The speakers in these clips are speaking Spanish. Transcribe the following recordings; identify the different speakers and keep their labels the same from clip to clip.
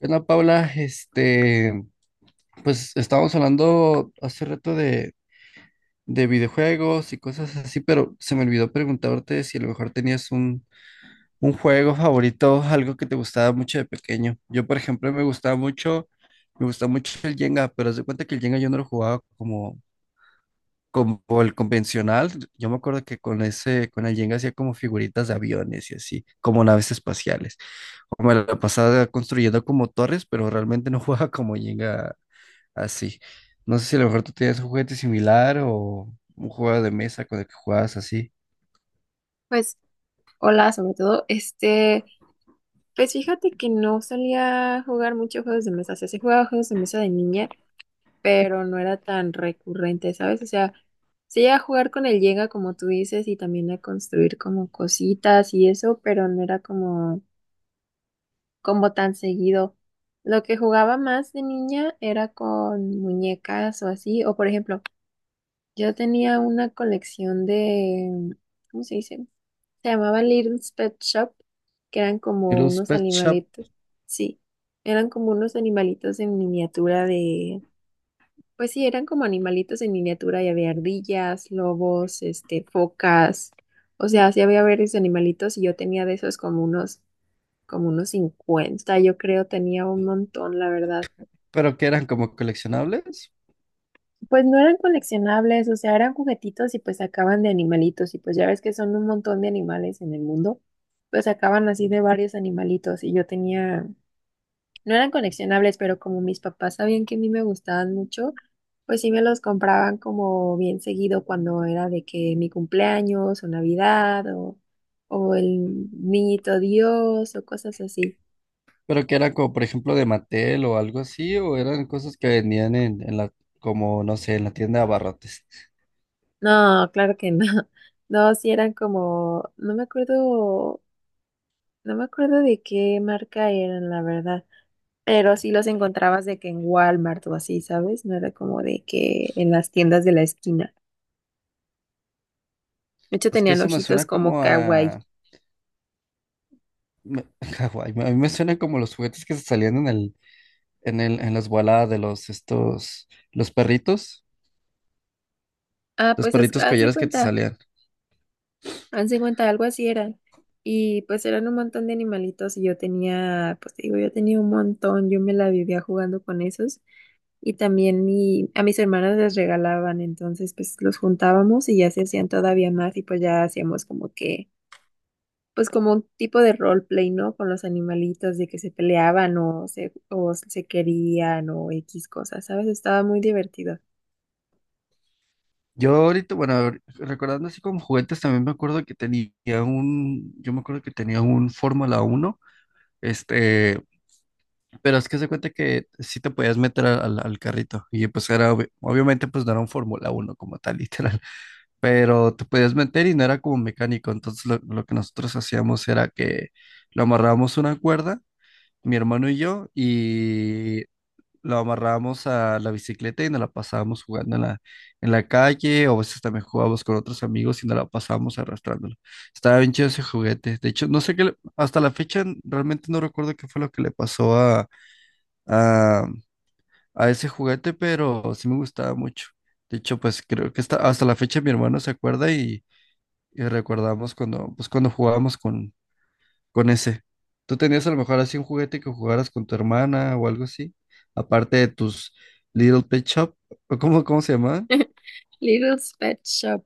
Speaker 1: Hola, Paula. Pues estábamos hablando hace rato de videojuegos y cosas así, pero se me olvidó preguntarte si a lo mejor tenías un juego favorito, algo que te gustaba mucho de pequeño. Yo, por ejemplo, me gustaba mucho el Jenga, pero haz de cuenta que el Jenga yo no lo jugaba como el convencional. Yo me acuerdo que con el Jenga hacía como figuritas de aviones y así, como naves espaciales. O me la pasaba construyendo como torres, pero realmente no jugaba como Jenga así. No sé si a lo mejor tú tenías un juguete similar o un juego de mesa con el que jugabas así.
Speaker 2: Pues, hola, sobre todo, pues fíjate que no solía jugar mucho juegos de mesa, o sea, sí jugaba juegos de mesa de niña, pero no era tan recurrente, ¿sabes? O sea, sí a jugar con el Llega, como tú dices, y también a construir como cositas y eso, pero no era como, como tan seguido. Lo que jugaba más de niña era con muñecas o así, o por ejemplo, yo tenía una colección de, ¿cómo se dice? Se llamaban Little's Pet Shop, que eran
Speaker 1: Y
Speaker 2: como
Speaker 1: los
Speaker 2: unos
Speaker 1: Pet Shop,
Speaker 2: animalitos. Sí, eran como unos animalitos en miniatura de... Pues sí, eran como animalitos en miniatura y había ardillas, lobos, focas. O sea, sí había varios animalitos y yo tenía de esos como unos 50 yo creo, tenía un montón, la verdad.
Speaker 1: pero que eran como coleccionables,
Speaker 2: Pues no eran coleccionables, o sea, eran juguetitos y pues sacaban de animalitos y pues ya ves que son un montón de animales en el mundo, pues sacaban así de varios animalitos y yo tenía, no eran coleccionables, pero como mis papás sabían que a mí me gustaban mucho, pues sí me los compraban como bien seguido cuando era de que mi cumpleaños o Navidad o el niñito Dios o cosas así.
Speaker 1: pero que eran como, por ejemplo, de Mattel o algo así, o eran cosas que vendían en la, como, no sé, en la tienda de abarrotes.
Speaker 2: No, claro que no. No, sí eran como, no me acuerdo. No me acuerdo de qué marca eran, la verdad. Pero sí los encontrabas de que en Walmart o así, ¿sabes? No era como de que en las tiendas de la esquina. De hecho,
Speaker 1: Es que
Speaker 2: tenían
Speaker 1: eso me
Speaker 2: ojitos
Speaker 1: suena
Speaker 2: como
Speaker 1: como
Speaker 2: kawaii.
Speaker 1: a me- Hawái, a mí me suena como los juguetes que se salían en en el, en las baladas de los, estos,
Speaker 2: Ah,
Speaker 1: los
Speaker 2: pues haz,
Speaker 1: perritos
Speaker 2: haz de
Speaker 1: collares que te
Speaker 2: cuenta,
Speaker 1: salían.
Speaker 2: haz de cuenta, algo así eran. Y pues eran un montón de animalitos y yo tenía, pues te digo, yo tenía un montón, yo me la vivía jugando con esos. Y también a mis hermanas les regalaban, entonces pues los juntábamos y ya se hacían todavía más y pues ya hacíamos como que pues como un tipo de roleplay, ¿no? Con los animalitos de que se peleaban o se querían o X cosas, ¿sabes? Estaba muy divertido.
Speaker 1: Yo ahorita, bueno, recordando así como juguetes, también me acuerdo que tenía yo me acuerdo que tenía un Fórmula 1 este, pero es que se cuenta que sí te podías meter al carrito y pues era, obviamente pues no era un Fórmula 1 como tal, literal, pero te podías meter y no era como mecánico, entonces lo que nosotros hacíamos era que lo amarrábamos a una cuerda, mi hermano y yo, y lo amarrábamos a la bicicleta y nos la pasábamos jugando en en la calle, o a veces también jugábamos con otros amigos y nos la pasábamos arrastrándola. Estaba bien chido ese juguete. De hecho, no sé qué, hasta la fecha realmente no recuerdo qué fue lo que le pasó a, a ese juguete, pero sí me gustaba mucho. De hecho, pues creo que hasta la fecha mi hermano se acuerda y recordamos cuando, pues, cuando jugábamos con ese. ¿Tú tenías a lo mejor así un juguete que jugaras con tu hermana o algo así? Aparte de tus Little Pet Shop, ¿o ¿cómo, cómo se llamaba?
Speaker 2: Little's Pet Shop.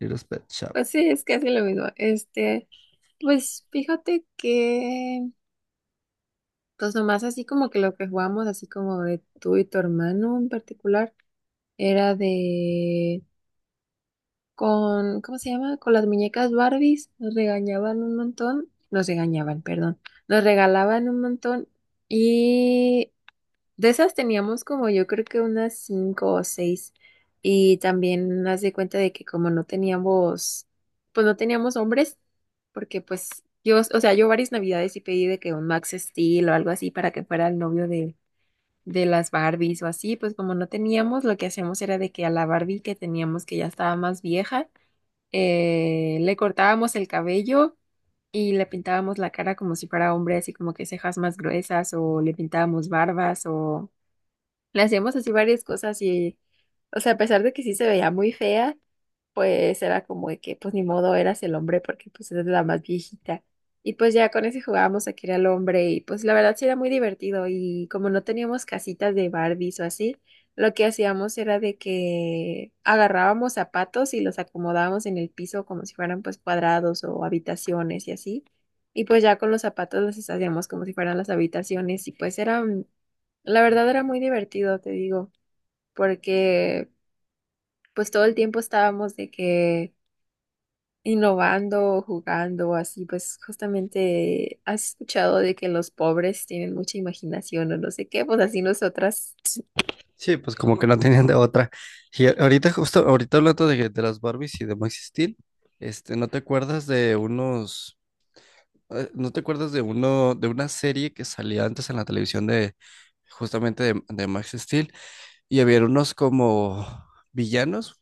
Speaker 1: Little Pet Shop.
Speaker 2: Pues sí, es casi lo mismo. Pues fíjate que, pues nomás así como que lo que jugamos, así como de tú y tu hermano en particular, era de con, ¿cómo se llama? Con las muñecas Barbies, nos regañaban un montón, nos regañaban, perdón, nos regalaban un montón y de esas teníamos como yo creo que unas cinco o seis y también haz de cuenta de que como no teníamos, pues no teníamos hombres, porque pues yo, o sea, yo varias navidades sí pedí de que un Max Steel o algo así para que fuera el novio de las Barbies o así, pues como no teníamos, lo que hacíamos era de que a la Barbie que teníamos que ya estaba más vieja, le cortábamos el cabello y le pintábamos la cara como si fuera hombre, así como que cejas más gruesas o le pintábamos barbas o... Le hacíamos así varias cosas y, o sea, a pesar de que sí se veía muy fea, pues era como de que, pues ni modo, eras el hombre porque pues eres la más viejita. Y pues ya con ese jugábamos a que era el hombre y pues la verdad sí era muy divertido y como no teníamos casitas de Barbies o así, lo que hacíamos era de que agarrábamos zapatos y los acomodábamos en el piso como si fueran pues cuadrados o habitaciones y así. Y pues ya con los zapatos los hacíamos como si fueran las habitaciones y pues era la verdad era muy divertido, te digo, porque pues todo el tiempo estábamos de que innovando, jugando, así pues justamente has escuchado de que los pobres tienen mucha imaginación o no sé qué, pues así nosotras.
Speaker 1: Sí, pues como que no tenían de otra. Y ahorita, justo ahorita hablando de las Barbies y de Max Steel. ¿No te acuerdas de unos, no te acuerdas de uno, de una serie que salía antes en la televisión justamente de Max Steel, y había unos como villanos?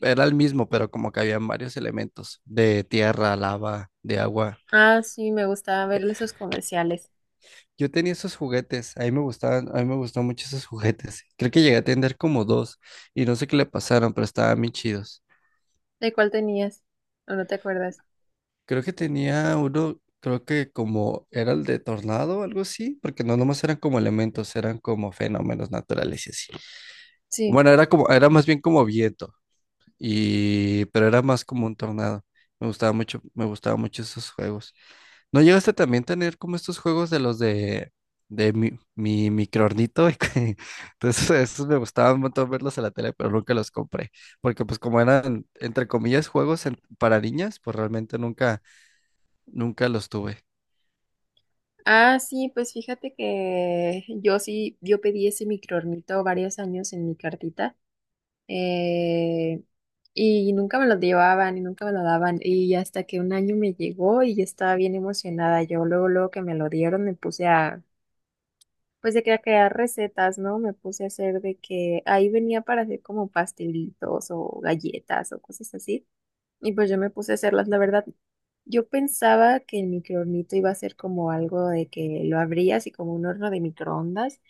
Speaker 1: Era el mismo, pero como que habían varios elementos de tierra, lava, de agua.
Speaker 2: Ah, sí, me gustaba ver esos comerciales.
Speaker 1: Yo tenía esos juguetes, a mí me gustaban mucho esos juguetes. Creo que llegué a tener como dos y no sé qué le pasaron, pero estaban bien chidos.
Speaker 2: ¿De cuál tenías? ¿O no te acuerdas?
Speaker 1: Creo que tenía uno, creo que como era el de tornado o algo así, porque no nomás eran como elementos, eran como fenómenos naturales y así.
Speaker 2: Sí.
Speaker 1: Bueno, era como, era más bien como viento, y pero era más como un tornado. Me gustaba mucho esos juegos. ¿No llegaste también a tener como estos juegos de los de mi microornito? Entonces, esos me gustaban un montón verlos en la tele, pero nunca los compré, porque pues como eran entre comillas juegos para niñas, pues realmente nunca los tuve.
Speaker 2: Ah, sí, pues fíjate que yo sí, yo pedí ese microornito varios años en mi cartita. eh, y nunca me lo llevaban y nunca me lo daban. Y hasta que un año me llegó y yo estaba bien emocionada. Yo luego, luego que me lo dieron, pues de que a crear recetas, ¿no? Me puse a hacer de que ahí venía para hacer como pastelitos o galletas o cosas así. Y pues yo me puse a hacerlas, la verdad. Yo pensaba que el microornito iba a ser como algo de que lo abrías y como un horno de microondas,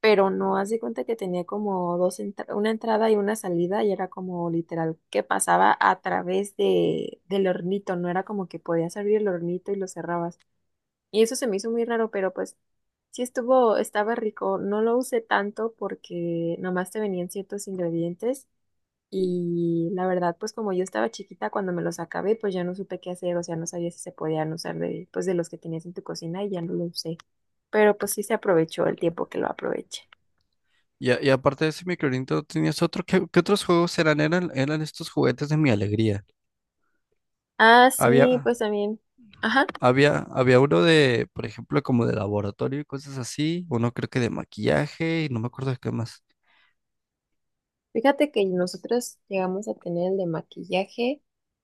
Speaker 2: pero no, haz de cuenta que tenía como una entrada y una salida y era como literal que pasaba a través de del hornito, no era como que podías abrir el hornito y lo cerrabas. Y eso se me hizo muy raro, pero pues estaba rico. No lo usé tanto porque nomás te venían ciertos ingredientes. Y la verdad, pues como yo estaba chiquita, cuando me los acabé, pues ya no supe qué hacer, o sea, no sabía si se podían usar de, pues de los que tenías en tu cocina y ya no lo usé. Pero pues sí se aprovechó el tiempo que lo aproveché.
Speaker 1: Y, y aparte de ese microornito, ¿tenías otro? Qué otros juegos eran? Eran estos juguetes de Mi Alegría.
Speaker 2: Ah, sí,
Speaker 1: Había
Speaker 2: pues también. Ajá.
Speaker 1: Había uno de, por ejemplo, como de laboratorio y cosas así, uno creo que de maquillaje y no me acuerdo de qué más.
Speaker 2: Fíjate que nosotros llegamos a tener el de maquillaje.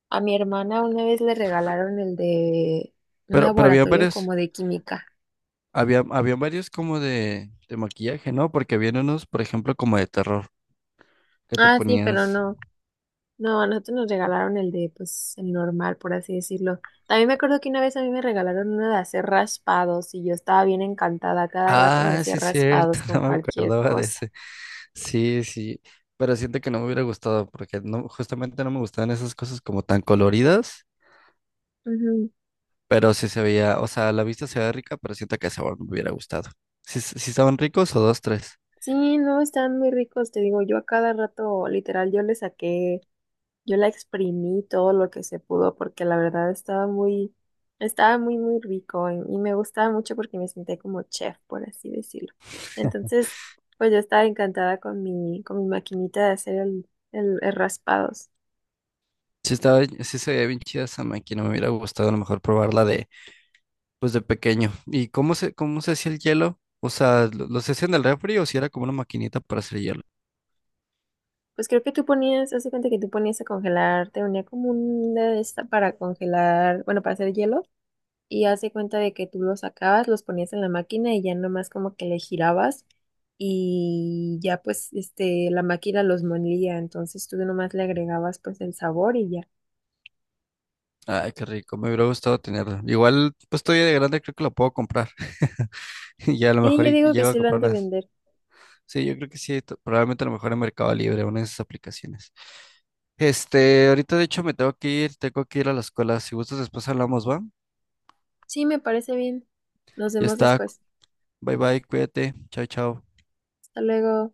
Speaker 2: A mi hermana una vez le regalaron el de un
Speaker 1: Pero había
Speaker 2: laboratorio
Speaker 1: varios,
Speaker 2: como de química.
Speaker 1: había varios como de maquillaje, ¿no? Porque había unos, por ejemplo, como de terror, que te
Speaker 2: Ah, sí, pero
Speaker 1: ponías.
Speaker 2: no. No, a nosotros nos regalaron el de, pues, el normal, por así decirlo. También me acuerdo que una vez a mí me regalaron uno de hacer raspados y yo estaba bien encantada. Cada rato me
Speaker 1: Ah,
Speaker 2: hacía
Speaker 1: sí es cierto,
Speaker 2: raspados con
Speaker 1: no me
Speaker 2: cualquier
Speaker 1: acordaba de
Speaker 2: cosa.
Speaker 1: ese. Sí, sí, pero siento que no me hubiera gustado porque no, justamente no me gustaban esas cosas como tan coloridas,
Speaker 2: Ujú.
Speaker 1: pero sí se veía, o sea, a la vista se veía rica, pero siento que el sabor no me hubiera gustado. Sí, sí estaban ricos o dos, tres.
Speaker 2: Sí, no, están muy ricos, te digo, yo a cada rato, literal, yo le saqué. Yo la exprimí todo lo que se pudo porque la verdad estaba muy, muy rico y me gustaba mucho porque me sentía como chef, por así decirlo. Entonces, pues yo estaba encantada con con mi maquinita de hacer el raspados.
Speaker 1: Sí estaba, sí se veía bien chida esa máquina, me hubiera gustado a lo mejor probarla de, pues de pequeño. ¿Y cómo se hacía el hielo? O sea, lo se hacía en el refri o si era como una maquinita para hacer hielo?
Speaker 2: Pues creo que tú ponías, hace cuenta que tú ponías a congelar, te unía como una de esta para congelar, bueno, para hacer hielo y hace cuenta de que tú los sacabas, los ponías en la máquina y ya nomás como que le girabas y ya pues este la máquina los molía, entonces tú nomás le agregabas pues el sabor y ya.
Speaker 1: Ay, qué rico, me hubiera gustado tenerla. Igual, pues todavía de grande creo que la puedo comprar. Y ya a lo
Speaker 2: Sí,
Speaker 1: mejor
Speaker 2: yo
Speaker 1: y
Speaker 2: digo que
Speaker 1: llego a
Speaker 2: sí lo han de
Speaker 1: comprarlas.
Speaker 2: vender.
Speaker 1: Sí, yo creo que sí, probablemente a lo mejor en Mercado Libre, una de esas aplicaciones. Este, ahorita de hecho me tengo que ir a la escuela. Si gustas, después hablamos, ¿va?
Speaker 2: Sí, me parece bien. Nos
Speaker 1: Ya
Speaker 2: vemos
Speaker 1: está.
Speaker 2: después.
Speaker 1: Bye bye, cuídate. Chao, chao.
Speaker 2: Hasta luego.